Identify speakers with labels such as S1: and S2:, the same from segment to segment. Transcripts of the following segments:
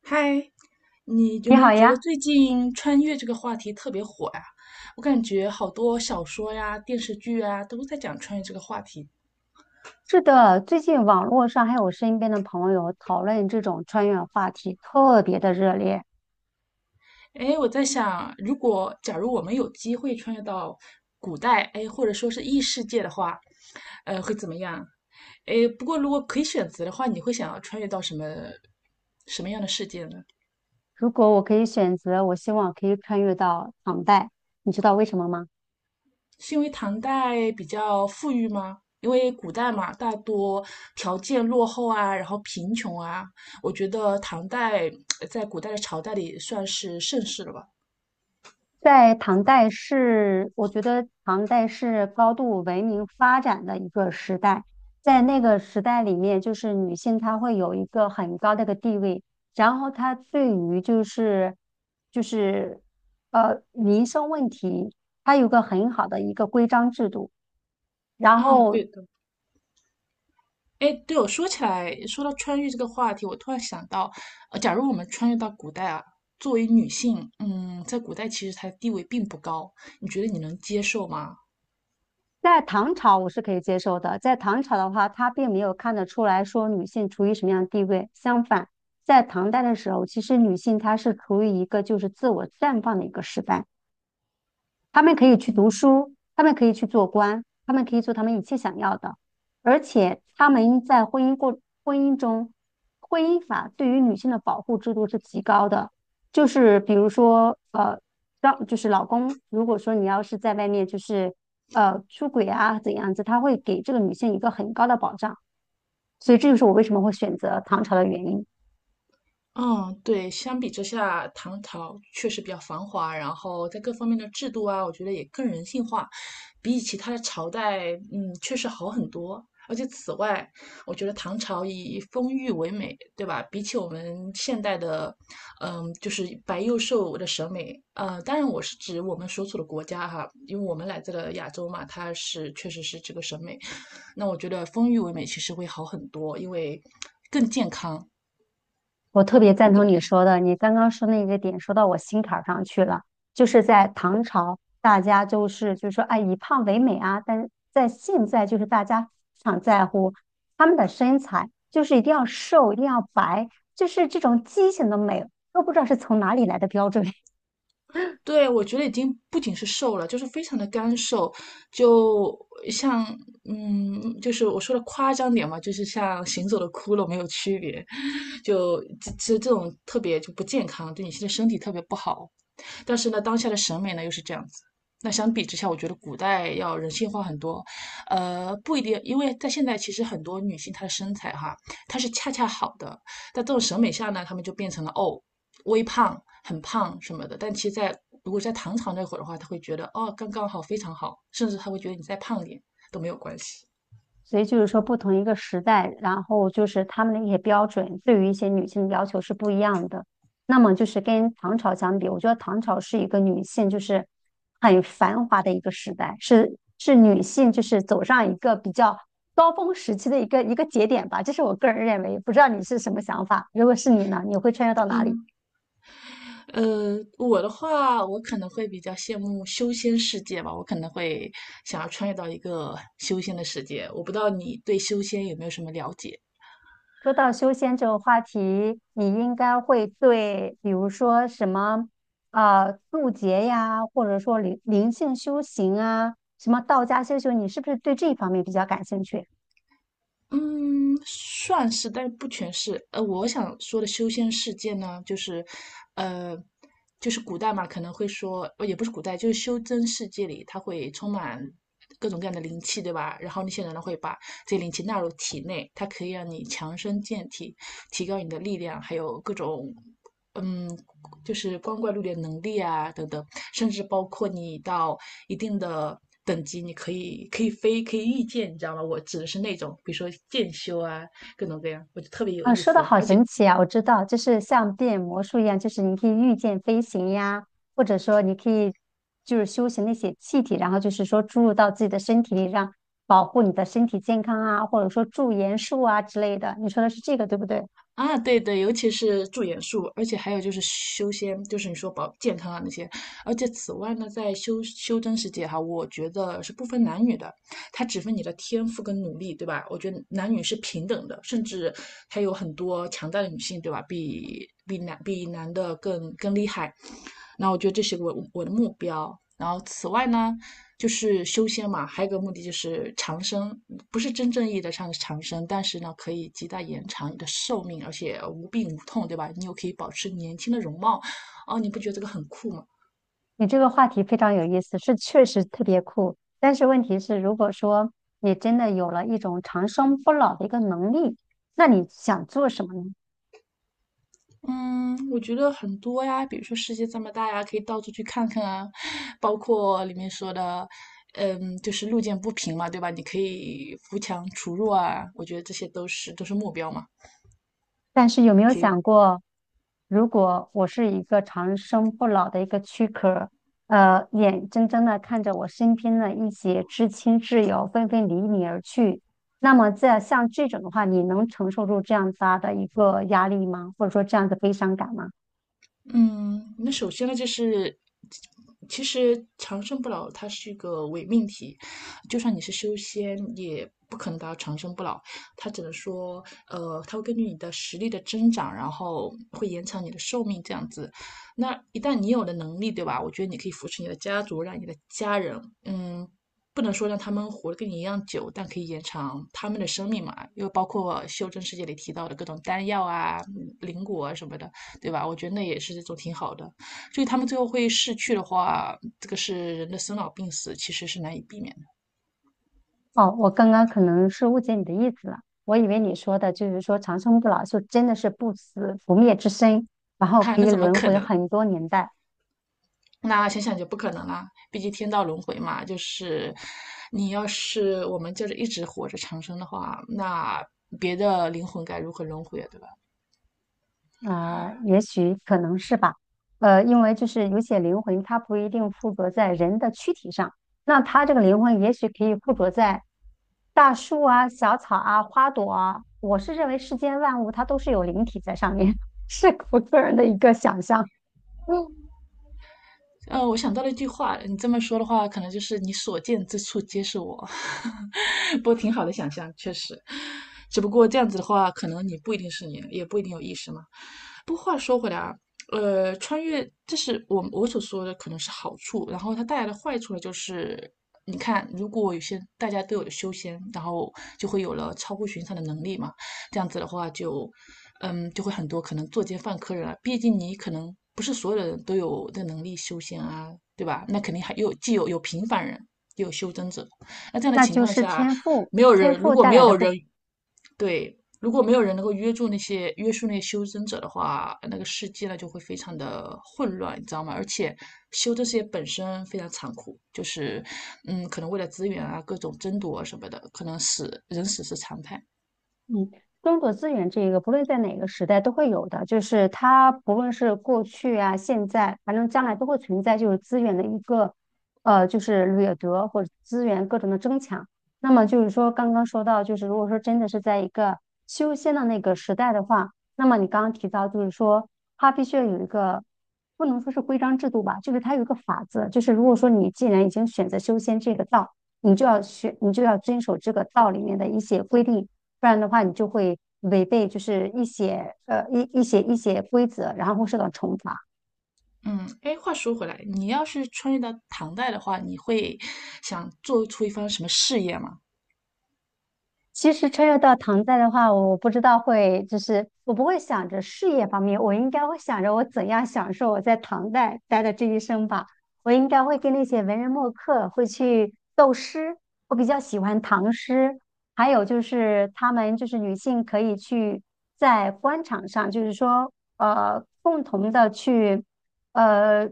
S1: 嗨，你有
S2: 你
S1: 没有
S2: 好
S1: 觉得
S2: 呀，
S1: 最近穿越这个话题特别火呀？我感觉好多小说呀、电视剧啊都在讲穿越这个话题。
S2: 是的，最近网络上还有身边的朋友讨论这种穿越话题，特别的热烈。
S1: 哎，我在想，如果假如我们有机会穿越到古代，哎，或者说是异世界的话，会怎么样？哎，不过如果可以选择的话，你会想要穿越到什么什么样的世界呢？
S2: 如果我可以选择，我希望可以穿越到唐代，你知道为什么吗？
S1: 是因为唐代比较富裕吗？因为古代嘛，大多条件落后啊，然后贫穷啊，我觉得唐代在古代的朝代里算是盛世了吧。
S2: 在唐代是，我觉得唐代是高度文明发展的一个时代，在那个时代里面，就是女性她会有一个很高的一个地位，然后她对于就是民生问题，她有个很好的一个规章制度，然
S1: 啊，
S2: 后
S1: 对的。哎，对我说起来，说到穿越这个话题，我突然想到，假如我们穿越到古代啊，作为女性，嗯，在古代其实她的地位并不高，你觉得你能接受吗？
S2: 在唐朝我是可以接受的，在唐朝的话，他并没有看得出来说女性处于什么样的地位。相反，在唐代的时候，其实女性她是处于一个就是自我绽放的一个时代。他们可以去读书，他们可以去做官，他们可以做他们一切想要的，而且他们在婚姻中，婚姻法对于女性的保护制度是极高的，就是比如说让就是老公，如果说你要是在外面就是出轨啊怎样子，他会给这个女性一个很高的保障，所以这就是我为什么会选择唐朝的原因。
S1: 嗯，对，相比之下，唐朝确实比较繁华，然后在各方面的制度啊，我觉得也更人性化，比起他的朝代，嗯，确实好很多。而且此外，我觉得唐朝以丰腴为美，对吧？比起我们现代的，嗯，就是白幼瘦的审美，当然我是指我们所处的国家哈，因为我们来自了亚洲嘛，它是确实是这个审美。那我觉得丰腴为美其实会好很多，因为更健康。
S2: 我特别赞
S1: 你怎
S2: 同
S1: 么
S2: 你
S1: 看？
S2: 说的，你刚刚说那个点说到我心坎儿上去了，就是在唐朝，大家就是说，哎，以胖为美啊，但是在现在就是大家非常在乎他们的身材，就是一定要瘦，一定要白，就是这种畸形的美，都不知道是从哪里来的标准。
S1: 对，我觉得已经不仅是瘦了，就是非常的干瘦，就像嗯，就是我说的夸张点嘛，就是像行走的骷髅没有区别，就这种特别就不健康，对你现在身体特别不好。但是呢，当下的审美呢又是这样子。那相比之下，我觉得古代要人性化很多，不一定，因为在现在其实很多女性她的身材哈，她是恰恰好的，在这种审美下呢，她们就变成了哦，微胖、很胖什么的。但其实在，如果在唐朝那会儿的话，她会觉得哦，刚刚好，非常好，甚至她会觉得你再胖点都没有关系。
S2: 所以就是说，不同一个时代，然后就是他们的一些标准，对于一些女性的要求是不一样的。那么就是跟唐朝相比，我觉得唐朝是一个女性就是很繁华的一个时代，是女性就是走上一个比较高峰时期的一个节点吧。这是我个人认为，不知道你是什么想法？如果是你呢，你会穿越到哪里？
S1: 嗯，我的话，我可能会比较羡慕修仙世界吧，我可能会想要穿越到一个修仙的世界。我不知道你对修仙有没有什么了解？
S2: 说到修仙这个话题，你应该会对，比如说什么，渡劫呀，或者说灵性修行啊，什么道家修行，你是不是对这一方面比较感兴趣？
S1: 嗯，算是，但不全是。呃，我想说的修仙世界呢，就是，呃，就是古代嘛，可能会说，呃也不是古代，就是修真世界里，它会充满各种各样的灵气，对吧？然后那些人呢会把这些灵气纳入体内，它可以让你强身健体，提高你的力量，还有各种，嗯，就是光怪陆离的能力啊等等，甚至包括你到一定的等级，你可以飞，可以御剑，你知道吗？我指的是那种，比如说剑修啊，各种各样，我就特别有
S2: 啊、
S1: 意
S2: 说的
S1: 思，
S2: 好
S1: 而且。
S2: 神奇啊！我知道，就是像变魔术一样，就是你可以御剑飞行呀，或者说你可以就是修行那些气体，然后就是说注入到自己的身体里，让保护你的身体健康啊，或者说驻颜术啊之类的。你说的是这个，对不对？
S1: 啊，对对，尤其是驻颜术，而且还有就是修仙，就是你说保健康啊那些，而且此外呢，在修真世界哈，我觉得是不分男女的，它只分你的天赋跟努力，对吧？我觉得男女是平等的，甚至还有很多强大的女性，对吧？比男的更厉害。那我觉得这是我的目标。然后此外呢，就是修仙嘛，还有一个目的就是长生，不是真正意义的上长生，但是呢，可以极大延长你的寿命，而且无病无痛，对吧？你又可以保持年轻的容貌，哦，你不觉得这个很酷吗？
S2: 你这个话题非常有意思，是确实特别酷。但是问题是，如果说你真的有了一种长生不老的一个能力，那你想做什么呢？
S1: 嗯，我觉得很多呀，比如说世界这么大呀，可以到处去看看啊，包括里面说的，嗯，就是路见不平嘛，对吧？你可以扶墙除弱啊，我觉得这些都是目标嘛，
S2: 但是有没有
S1: 可以
S2: 想过，如果我是一个长生不老的一个躯壳，眼睁睁的看着我身边的一些至亲挚友纷纷离你而去，那么在像这种的话，你能承受住这样子大的一个压力吗？或者说这样的悲伤感吗？
S1: 嗯，那首先呢，就是其实长生不老它是一个伪命题，就算你是修仙，也不可能达到长生不老。它只能说，它会根据你的实力的增长，然后会延长你的寿命这样子。那一旦你有了能力，对吧？我觉得你可以扶持你的家族，让你的家人，嗯。不能说让他们活得跟你一样久，但可以延长他们的生命嘛，又包括《修真世界》里提到的各种丹药啊、灵果啊什么的。对吧？我觉得那也是一种挺好的。所以他们最后会逝去的话，这个是人的生老病死，其实是难以避免的。
S2: 哦，我刚刚可能是误解你的意思了，我以为你说的就是说长生不老，就真的是不死不灭之身，然后
S1: 哈、啊
S2: 可
S1: 那
S2: 以
S1: 怎么
S2: 轮
S1: 可
S2: 回
S1: 能？
S2: 很多年代，
S1: 那想想就不可能啦，毕竟天道轮回嘛，就是你要是我们就是一直活着长生的话，那别的灵魂该如何轮回啊？对吧？
S2: 也许可能是吧，因为就是有些灵魂它不一定附着在人的躯体上，那它这个灵魂也许可以附着在大树啊、小草啊、花朵啊，我是认为世间万物它都是有灵体在上面，是我个人的一个想象，嗯，
S1: 我想到了一句话，你这么说的话，可能就是你所见之处皆是我。不过挺好的想象，确实。只不过这样子的话，可能你不一定是你，也不一定有意识嘛。不过话说回来啊，穿越这是我所说的可能是好处，然后它带来的坏处呢，就是你看，如果有些大家都有了修仙，然后就会有了超乎寻常的能力嘛。这样子的话就，嗯，就会很多可能作奸犯科人了。啊毕竟你可能不是所有的人都有的能力修仙啊，对吧？那肯定还有既有平凡人，也有修真者。那这样的
S2: 那
S1: 情
S2: 就
S1: 况
S2: 是
S1: 下，
S2: 天赋，
S1: 没有
S2: 天
S1: 人如
S2: 赋
S1: 果
S2: 带
S1: 没
S2: 来的
S1: 有
S2: 不平
S1: 人对，如果没有人能够约束那些修真者的话，那个世界呢就会非常的混乱，你知道吗？而且修真世界本身非常残酷，就是嗯，可能为了资源啊，各种争夺啊什么的，可能死人死是常态。
S2: 嗯，争夺资源这个，不论在哪个时代都会有的，就是它不论是过去啊、现在，反正将来都会存在，就是资源的一个就是掠夺或者资源各种的争抢。那么就是说，刚刚说到，就是如果说真的是在一个修仙的那个时代的话，那么你刚刚提到，就是说它必须要有一个不能说是规章制度吧，就是它有一个法则，就是如果说你既然已经选择修仙这个道，你就要学，你就要遵守这个道里面的一些规定。不然的话你就会违背就是一些规则，然后会受到惩罚。
S1: 嗯，哎，话说回来，你要是穿越到唐代的话，你会想做出一番什么事业吗？
S2: 其实穿越到唐代的话，我不知道会，就是我不会想着事业方面，我应该会想着我怎样享受我在唐代待的这一生吧。我应该会跟那些文人墨客会去斗诗，我比较喜欢唐诗，还有就是他们就是女性可以去在官场上，就是说共同的去呃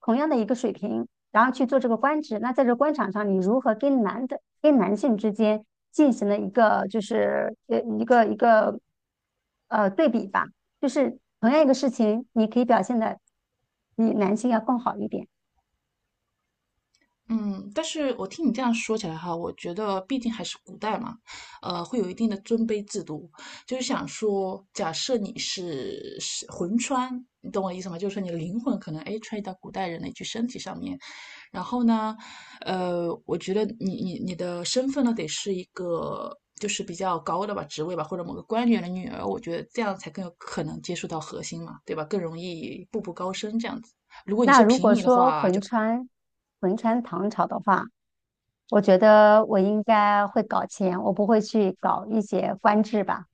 S2: 同样的一个水平，然后去做这个官职。那在这官场上，你如何跟男的？跟男性之间进行了一个就是呃一个一个呃对比吧，就是同样一个事情，你可以表现的比男性要更好一点。
S1: 嗯，但是我听你这样说起来哈，我觉得毕竟还是古代嘛，会有一定的尊卑制度。就是想说，假设你是魂穿，你懂我意思吗？就是说你的灵魂可能哎穿越到古代人的一具身体上面，然后呢，我觉得你的身份呢，得是一个就是比较高的吧，职位吧，或者某个官员的女儿，我觉得这样才更有可能接触到核心嘛，对吧？更容易步步高升这样子。如果
S2: 那如果说魂穿唐朝的话，我觉得我应该会搞钱，我不会去搞一些官制吧。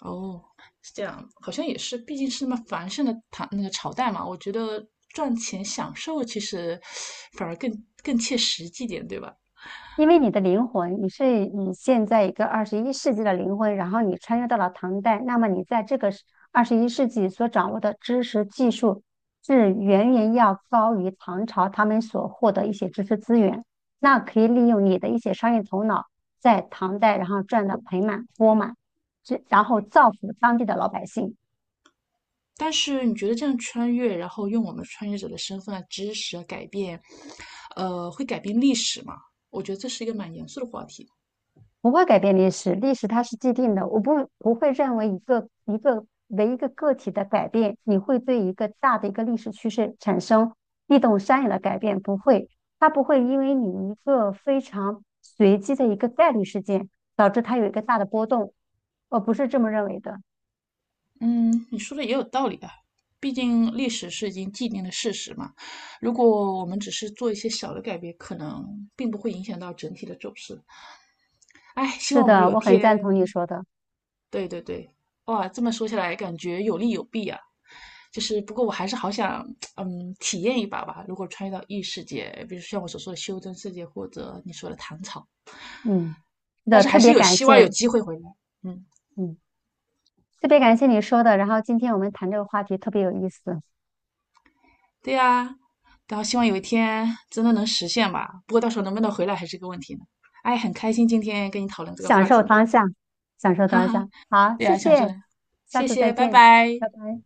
S1: 哦，是这样，好像也是，毕竟是那么繁盛的唐那个朝代嘛，我觉得赚钱享受其实反而更切实际点，对吧？
S2: 因为你的灵魂，你是你现在一个二十一世纪的灵魂，然后你穿越到了唐代，那么你在这个二十一世纪所掌握的知识技术，是远远要高于唐朝他们所获得一些知识资源。那可以利用你的一些商业头脑，在唐代然后赚得盆满钵满，这然后造福当地的老百姓。
S1: 但是你觉得这样穿越，然后用我们穿越者的身份啊、知识啊改变，会改变历史吗？我觉得这是一个蛮严肃的话题。
S2: 不会改变历史，历史它是既定的。我不会认为一个一个为一个个体的改变，你会对一个大的一个历史趋势产生地动山摇的改变，不会。它不会因为你一个非常随机的一个概率事件，导致它有一个大的波动。我不是这么认为的。
S1: 嗯，你说的也有道理啊，毕竟历史是已经既定的事实嘛。如果我们只是做一些小的改变，可能并不会影响到整体的走势。哎，希
S2: 是
S1: 望我们
S2: 的，
S1: 有
S2: 我很赞同你
S1: 天
S2: 说的。
S1: 对对对，哇，这么说起来，感觉有利有弊啊。就是不过我还是好想，嗯，体验一把吧。如果穿越到异世界，比如像我所说的修真世界，或者你说的唐朝，
S2: 嗯，是
S1: 但
S2: 的，
S1: 是还
S2: 特
S1: 是
S2: 别
S1: 有
S2: 感
S1: 希望
S2: 谢，
S1: 有机会回来。嗯，
S2: 嗯，特别感谢你说的。然后今天我们谈这个话题特别有意思。
S1: 对呀、然后希望有一天真的能实现吧。不过到时候能不能回来还是个问题呢。哎，很开心今天跟你讨论这个
S2: 享
S1: 话
S2: 受
S1: 题呢，
S2: 当下，享受
S1: 哈
S2: 当下。
S1: 哈。
S2: 好，
S1: 对
S2: 谢
S1: 呀、想说
S2: 谢，
S1: 的
S2: 下
S1: 谢
S2: 次再
S1: 谢，拜
S2: 见，
S1: 拜。
S2: 拜拜。